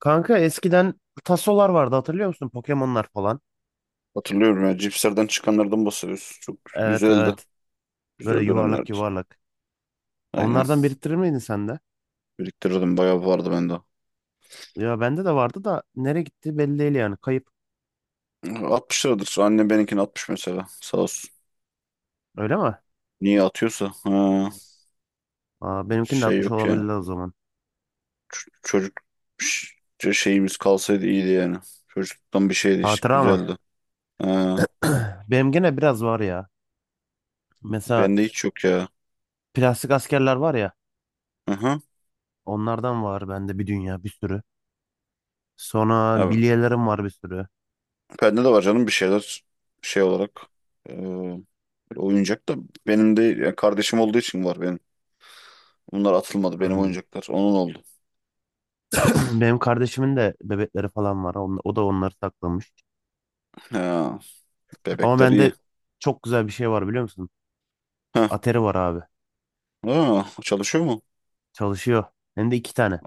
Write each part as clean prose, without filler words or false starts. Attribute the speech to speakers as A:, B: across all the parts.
A: Kanka eskiden tasolar vardı hatırlıyor musun? Pokemon'lar falan.
B: Hatırlıyorum ya cipslerden çıkanlardan bahsediyorsun. Çok
A: Evet
B: güzeldi.
A: evet. Böyle
B: Güzel
A: yuvarlak
B: dönemlerdi.
A: yuvarlak.
B: Aynen.
A: Onlardan biriktirir miydin sen de?
B: Biriktirirdim, bayağı vardı bende.
A: Ya bende de vardı da nereye gitti belli değil yani. Kayıp.
B: 60 liradır. Annem benimkini 60 mesela. Sağ olsun.
A: Öyle mi?
B: Niye atıyorsa. Ha,
A: Aa, benimkini de
B: şey
A: atmış
B: yok yani.
A: olabilirler o zaman.
B: Çocuk, şeyimiz kalsaydı iyiydi yani. Çocukluktan bir şeydi işte,
A: Hatıra mı?
B: güzeldi. Ha,
A: Benim gene biraz var ya. Mesela
B: bende hiç yok ya.
A: plastik askerler var ya.
B: Hı hı.
A: Onlardan var bende bir dünya bir sürü. Sonra
B: Abi,
A: bilyelerim var bir sürü.
B: bende de var canım bir şeyler şey olarak. e, Oyuncak da benim de, ya kardeşim olduğu için var benim. Bunlar atılmadı, benim
A: Hmm.
B: oyuncaklar. Onun oldu.
A: Benim kardeşimin de bebekleri falan var. O da onları saklamış.
B: Ha,
A: Ama
B: bebekler iyi.
A: bende çok güzel bir şey var biliyor musun?
B: Ha,
A: Atari var abi.
B: ha, çalışıyor mu?
A: Çalışıyor. Hem de iki tane.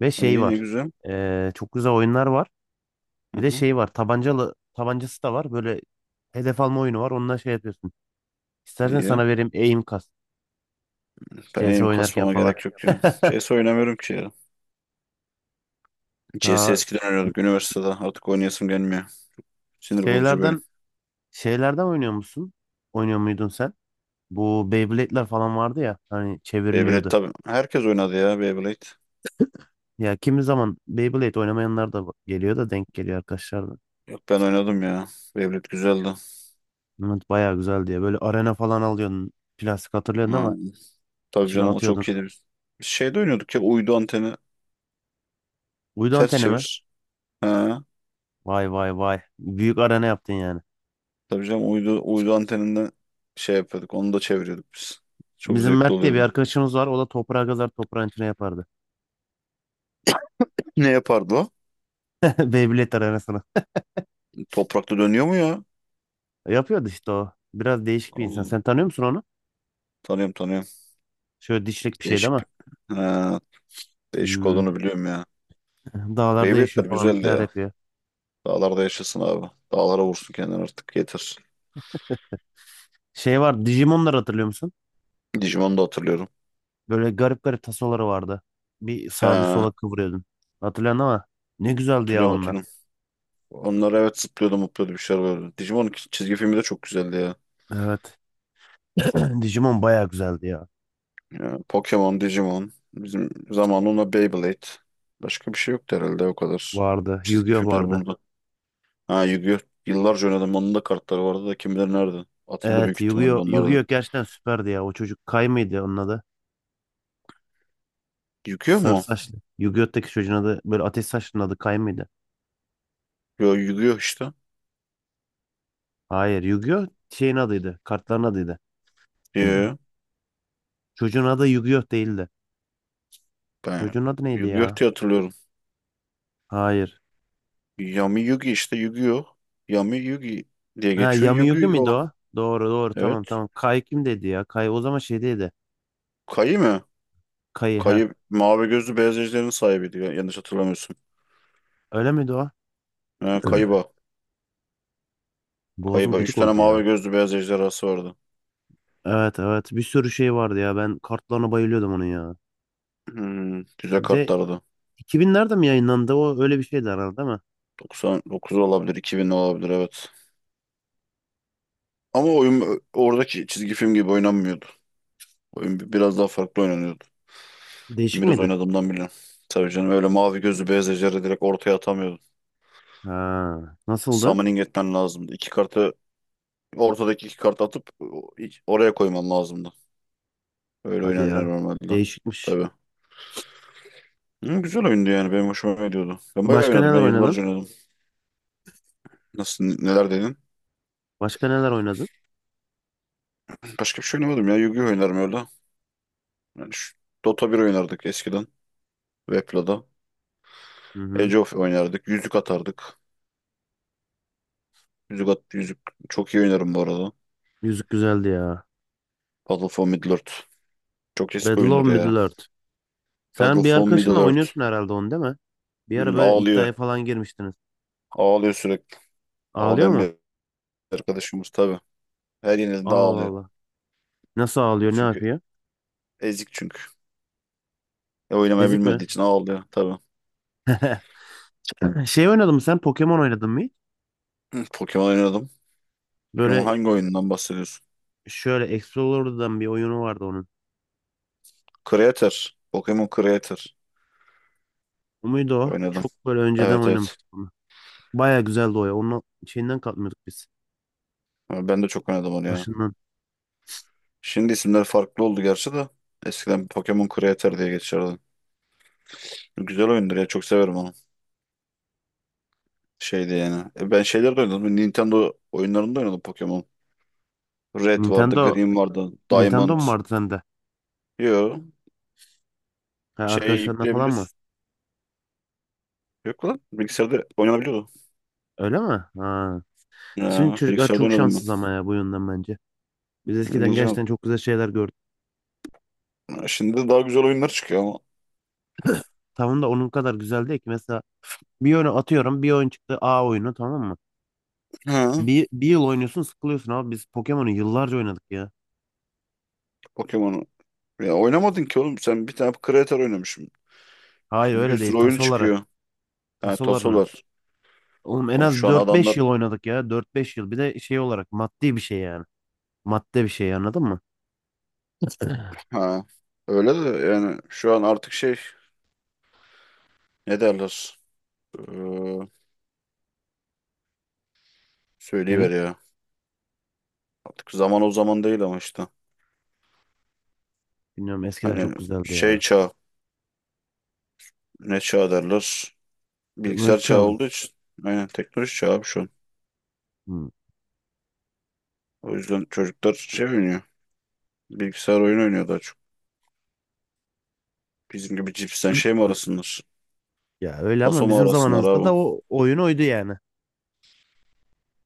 A: Ve şey
B: İyi, ne
A: var.
B: güzel.
A: Çok güzel oyunlar var.
B: Hı
A: Bir de
B: hı,
A: şey var. Tabancalı tabancası da var. Böyle hedef alma oyunu var. Onunla şey yapıyorsun. İstersen
B: iyi.
A: sana vereyim aim kas.
B: Ben
A: CS
B: eğim
A: oynarken
B: kasmama
A: falan.
B: gerek yok ya. C S oynamıyorum ki ya. CS
A: Daha
B: eskiden oynuyorduk üniversitede. Artık oynayasım gelmiyor. Sinir bozucu bir oyun.
A: şeylerden şeylerden oynuyor musun? Oynuyor muydun sen? Bu Beyblade'ler falan vardı ya. Hani
B: Beyblade
A: çevriliyordu.
B: tabii. Herkes oynadı ya Beyblade.
A: Ya kimi zaman Beyblade oynamayanlar da geliyor da denk geliyor arkadaşlar da.
B: Yok, ben oynadım ya. Beyblade güzeldi.
A: Bunlar bayağı güzel diye. Böyle arena falan alıyorsun. Plastik hatırlıyorsun değil
B: Ha,
A: mi?
B: tabii
A: İçine
B: canım, o
A: atıyordun.
B: çok iyiydi. Biz şeyde oynuyorduk ya, uydu anteni,
A: Uydu
B: ters
A: anteni mi?
B: çevir. Ha,
A: Vay vay vay. Büyük arena yaptın yani.
B: tabii canım, uydu anteninden şey yapıyorduk. Onu da çeviriyorduk biz. Çok
A: Bizim
B: zevkli
A: Mert diye bir
B: oluyordu.
A: arkadaşımız var. O da toprağa kazar toprağın içine yapardı.
B: Ne yapardı o?
A: Beyblade arenasına.
B: Toprakta dönüyor mu ya?
A: Yapıyordu işte o. Biraz değişik bir
B: Allah
A: insan.
B: Allah.
A: Sen tanıyor musun onu?
B: Tanıyorum, tanıyorum.
A: Şöyle dişlik bir şey değil
B: Değişik.
A: mi?
B: Ha, değişik
A: Hmm,
B: olduğunu biliyorum ya.
A: dağlarda yaşıyor
B: Beyblade'ler
A: falan bir
B: güzeldi
A: şeyler
B: ya.
A: yapıyor.
B: Dağlarda yaşasın abi. Dağlara vursun kendini artık, yeter.
A: Şey var, Digimon'ları hatırlıyor musun?
B: Digimon'u da hatırlıyorum.
A: Böyle garip garip tasoları vardı. Bir sağa bir
B: He,
A: sola kıvırıyordun. Hatırlıyorsun ama ne güzeldi ya
B: hatırlıyorum,
A: onlar.
B: hatırlıyorum. Onlar, evet, zıplıyordu, mutluyordu bir şeyler böyle. Digimon çizgi filmi de çok güzeldi ya.
A: Evet. Digimon bayağı güzeldi ya.
B: Ya, Pokemon, Digimon. Bizim zamanında Beyblade. Başka bir şey yoktu herhalde o kadar.
A: Vardı.
B: Çizgi
A: Yu-Gi-Oh
B: filmler
A: vardı.
B: bunda. Ha, Yu-Gi-Oh! Yıllarca oynadım. Onun da kartları vardı da, kim bilir nerede. Atıldı büyük
A: Evet,
B: ihtimalle
A: Yu-Gi-Oh!
B: onlardan.
A: Yu-Gi-Oh! Gerçekten süperdi ya. O çocuk Kay mıydı onun adı?
B: Yıkıyor
A: Sarı
B: mu?
A: saçlı. Yu-Gi-Oh!'taki çocuğun adı, böyle ateş saçlının adı Kay mıydı?
B: Yo, yıkıyor işte.
A: Hayır, Yu-Gi-Oh! Şeyin adıydı. Kartların adıydı.
B: Yo,
A: Çocuğun adı Yu-Gi-Oh! Değildi.
B: ben
A: Çocuğun adı neydi
B: yıkıyor
A: ya?
B: diye hatırlıyorum.
A: Hayır.
B: Yami Yugi işte yıkıyor. Yami Yugi diye
A: Ha,
B: geçiyor.
A: Yami Yugi
B: Yugi
A: miydi
B: o.
A: o? Doğru doğru tamam
B: Evet.
A: tamam. Kay kim dedi ya? Kay o zaman şeydeydi.
B: Kayı mı?
A: Kayı ha.
B: Kayı mavi gözlü beyaz ejderhanın sahibiydi. Yanlış hatırlamıyorsun.
A: Öyle miydi o?
B: Ha, Kaiba.
A: Boğazım
B: Kaiba. Üç
A: gıcık
B: tane
A: oldu
B: mavi
A: ya.
B: gözlü beyaz ejderhası vardı.
A: Evet evet, bir sürü şey vardı ya. Ben kartlarına bayılıyordum onun ya.
B: Güzel
A: Bir de
B: kartlardı.
A: 2000'lerde mi yayınlandı? O öyle bir şeydi herhalde değil mi?
B: 99 olabilir, 2000 olabilir, evet. Ama oyun oradaki çizgi film gibi oynanmıyordu. Oyun biraz daha farklı oynanıyordu. Ben
A: Değişik
B: biraz
A: miydi?
B: oynadığımdan biliyorum. Tabii canım, öyle mavi gözlü beyaz ejderi direkt ortaya atamıyordun.
A: Ha, nasıldı?
B: Summoning etmen lazımdı. İki kartı, ortadaki iki kartı atıp oraya koyman lazımdı. Öyle
A: Hadi
B: oynanıyor
A: ya.
B: normalde.
A: Değişikmiş.
B: Tabii. Hı, güzel oyundu yani, benim hoşuma gidiyordu. Ben bayağı
A: Başka
B: oynadım
A: neler
B: ya,
A: oynadın?
B: yıllarca oynadım. Nasıl, neler dedin?
A: Başka neler oynadın?
B: Başka bir şey oynamadım ya. Yu-Gi-Oh oynarım öyle. Yani şu Dota bir oynardık eskiden. Wepla'da.
A: Hı hı.
B: Age of oynardık. Yüzük atardık. Yüzük at, yüzük çok iyi oynarım bu arada.
A: Müzik güzeldi ya.
B: Battle for Middle-earth. Çok eski
A: Battle of
B: oyundur ya.
A: Middle-earth.
B: Battle
A: Sen bir
B: for
A: arkadaşınla
B: Middle-earth.
A: oynuyorsun herhalde onu değil mi? Bir ara böyle iddiaya
B: Ağlıyor.
A: falan girmiştiniz.
B: Ağlıyor sürekli.
A: Ağlıyor
B: Ağlayan
A: mu?
B: bir arkadaşımız tabii. Her yenildiğinde
A: Allah
B: ağlıyor.
A: Allah. Nasıl ağlıyor? Ne
B: Çünkü
A: yapıyor?
B: ezik çünkü. Oynamayı
A: Ezik mi?
B: bilmediği için ağlıyor tabii.
A: Şey oynadın mı sen? Pokemon oynadın mı hiç?
B: Hı, Pokemon oynadım. Pokemon
A: Böyle
B: hangi oyundan bahsediyorsun?
A: şöyle Explorer'dan bir oyunu vardı onun.
B: Creator. Pokemon Creator
A: O muydu o?
B: oynadım.
A: Çok böyle önceden
B: Evet, evet.
A: oynamıştık onu. Baya güzeldi o ya. Onun şeyinden kalkmıyorduk biz.
B: Ama ben de çok oynadım onu ya.
A: Başından.
B: Şimdi isimler farklı oldu gerçi de. Eskiden Pokemon Creator diye geçerdi. Güzel oyundur ya, çok severim onu. Şeydi yani. Ben şeyler de oynadım. Nintendo oyunlarında oynadım Pokemon. Red vardı,
A: Nintendo
B: Green vardı,
A: Nintendo
B: Diamond.
A: mu vardı sende?
B: Yo.
A: Ha,
B: Şey
A: arkadaşlarına falan mı?
B: yükleyebiliyorsun. Yok lan. Bilgisayarda oynanabiliyordu.
A: Öyle mi? Ha. Şimdi
B: Ya,
A: çocuklar
B: bilgisayarda
A: çok
B: oynadım ben.
A: şanssız ama ya bu yönden bence. Biz eskiden
B: Oynayacağım.
A: gerçekten çok güzel şeyler gördük.
B: Şimdi de daha güzel oyunlar çıkıyor ama.
A: Tamam da onun kadar güzel değil ki. Mesela bir oyunu atıyorum. Bir oyun çıktı. A oyunu tamam mı?
B: Ha,
A: Bir yıl oynuyorsun sıkılıyorsun abi. Biz Pokemon'u yıllarca oynadık ya.
B: Pokemon'u. Ya oynamadın ki oğlum. Sen bir tane Creator oynamışım.
A: Hayır
B: Şimdi bir
A: öyle değil.
B: sürü oyun
A: Tasoları.
B: çıkıyor. Ha, tasolar
A: Tasolarını.
B: var.
A: Oğlum en
B: Oğlum
A: az
B: şu an
A: dört beş
B: adamlar...
A: yıl oynadık ya. Dört beş yıl. Bir de şey olarak maddi bir şey yani. Madde bir şey anladın mı?
B: Ha, öyle de yani şu an artık şey... Ne derler? Ee,
A: Neyi?
B: Söyleyiver ya. Artık zaman o zaman değil ama işte.
A: Bilmiyorum, eskiden
B: Hani
A: çok güzeldi
B: şey
A: ya.
B: çağı. Ne çağı derler? Bilgisayar
A: Teknoloji
B: çağı
A: çağı mı?
B: olduğu için. Aynen, teknoloji çağı abi şu an.
A: Hmm.
B: O yüzden çocuklar şey oynuyor. Bilgisayar oyunu oynuyor daha çok. Bizim gibi cipsten şey mi arasınlar?
A: Ya öyle ama
B: Taso mu
A: bizim
B: arasınlar
A: zamanımızda
B: abi?
A: da o oyun oydu yani.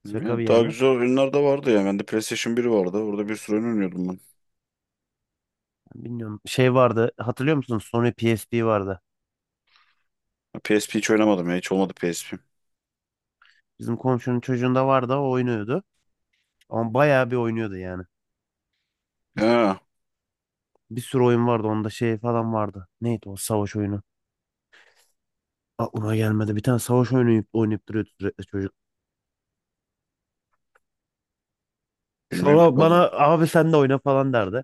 A: Şaka
B: Ya,
A: bir
B: daha
A: yana.
B: güzel oyunlar da vardı ya. Bende PlayStation 1 vardı. Orada bir sürü oyun oynuyordum ben.
A: Bilmiyorum. Şey vardı. Hatırlıyor musunuz? Sony PSP vardı.
B: Ha, PSP hiç oynamadım ya. Hiç olmadı PSP.
A: Bizim komşunun çocuğunda vardı. O oynuyordu. Ama bayağı bir oynuyordu yani.
B: Ha,
A: Bir sürü oyun vardı. Onda şey falan vardı. Neydi o savaş oyunu? Aklıma gelmedi. Bir tane savaş oyunu oynayıp, oynayıp duruyordu sürekli çocuk.
B: bilmiyorum ki,
A: Sonra bana
B: vallahi.
A: abi sen de oyna falan derdi.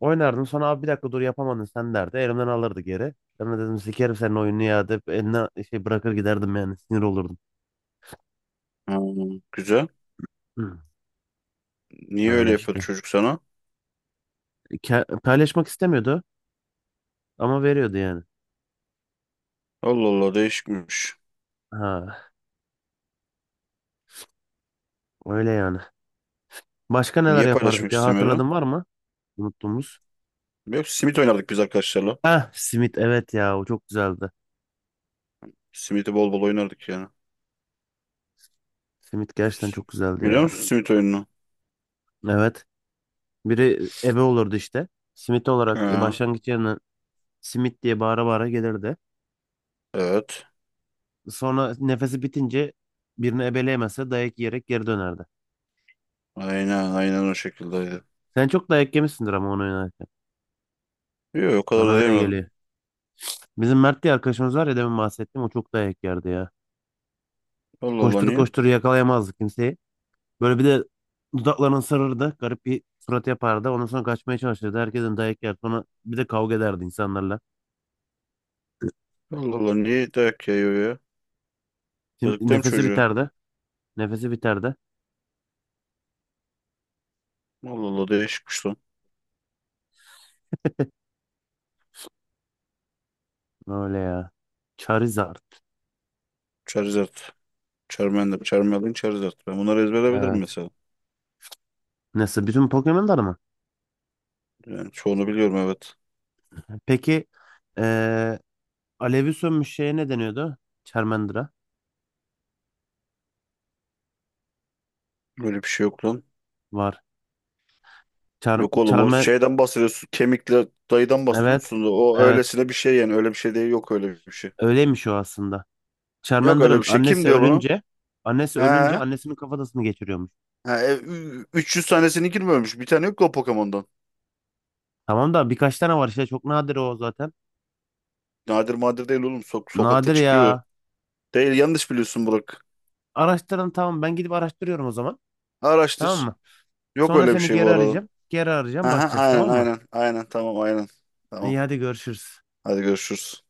A: Oynardım. Sonra abi bir dakika dur yapamadın sen derdi. Elimden alırdı geri. Ben de dedim sikerim senin oyununu ya deyip eline şey bırakır giderdim yani. Sinir olurdum.
B: Ha, güzel.
A: Hı.
B: Niye öyle
A: Öyle
B: yapıyordu
A: işte.
B: çocuk sana?
A: Paylaşmak istemiyordu ama veriyordu yani.
B: Allah Allah, değişikmiş.
A: Ha, öyle yani. Başka neler
B: Niye
A: yapardık
B: paylaşmak
A: ya,
B: istemiyordu?
A: hatırladın var mı? Unuttuğumuz.
B: Yok, simit oynardık biz arkadaşlarla.
A: Ha, simit, evet ya, o çok güzeldi.
B: Simit'i bol bol oynardık yani.
A: Simit gerçekten çok güzeldi
B: Biliyor
A: ya.
B: musun simit oyununu?
A: Evet. Biri ebe olurdu işte. Simit olarak
B: Ha,
A: başlangıç yerine simit diye bağıra bağıra gelirdi.
B: evet.
A: Sonra nefesi bitince birini ebeleyemezse dayak yiyerek geri dönerdi.
B: Aynen, aynen o şekilde.
A: Sen çok dayak yemişsindir ama onu oynarken.
B: Yok, o kadar
A: Bana
B: da
A: öyle
B: diyemedim.
A: geliyor. Bizim Mert diye arkadaşımız var ya, demin bahsettim, o çok dayak yerdi ya.
B: Allah Allah,
A: Koştur
B: niye?
A: koştur yakalayamazdı kimseyi. Böyle bir de dudaklarını ısırırdı. Garip bir surat yapardı. Ondan sonra kaçmaya çalışırdı. Herkesin dayak yer. Sonra bir de kavga ederdi insanlarla.
B: Allah Allah, niye dayak yayıyor ya?
A: Şimdi
B: Yazık değil mi
A: nefesi
B: çocuğu?
A: biterdi. Nefesi biterdi.
B: Allah Allah, değişikmiş lan.
A: Öyle ya. Charizard.
B: Charizard. Charmander. Charmander. Charizard. Ben bunları ezberleyebilirim
A: Evet.
B: mesela.
A: Nasıl? Bütün Pokemon'lar mı?
B: Yani çoğunu biliyorum, evet.
A: Peki eee alevi sönmüş şeye ne deniyordu? Charmander'a
B: Öyle bir şey yok lan.
A: var.
B: Yok oğlum, o
A: Charme
B: şeyden bahsediyorsun. Kemikle dayıdan
A: evet.
B: bahsediyorsun. Da o
A: Evet.
B: öylesine bir şey yani. Öyle bir şey değil. Yok öyle bir şey.
A: Öyleymiş o aslında.
B: Yok öyle
A: Charmander'ın
B: bir şey. Kim
A: annesi
B: diyor bunu?
A: ölünce
B: He? Ha,
A: annesinin kafatasını geçiriyormuş.
B: 300 tanesini girmemiş. Bir tane yok ki o Pokemon'dan.
A: Tamam da birkaç tane var işte, çok nadir o zaten.
B: Nadir madir değil oğlum. Sokakta
A: Nadir
B: çıkıyor.
A: ya.
B: Değil, yanlış biliyorsun Burak.
A: Araştırın, tamam ben gidip araştırıyorum o zaman. Tamam
B: Araştır.
A: mı?
B: Yok
A: Sonra
B: öyle bir
A: seni
B: şey bu
A: geri
B: arada.
A: arayacağım. Geri arayacağım,
B: Aha,
A: bakacağız
B: aynen,
A: tamam mı?
B: aynen, aynen, tamam, aynen. Tamam.
A: İyi hadi görüşürüz.
B: Hadi görüşürüz.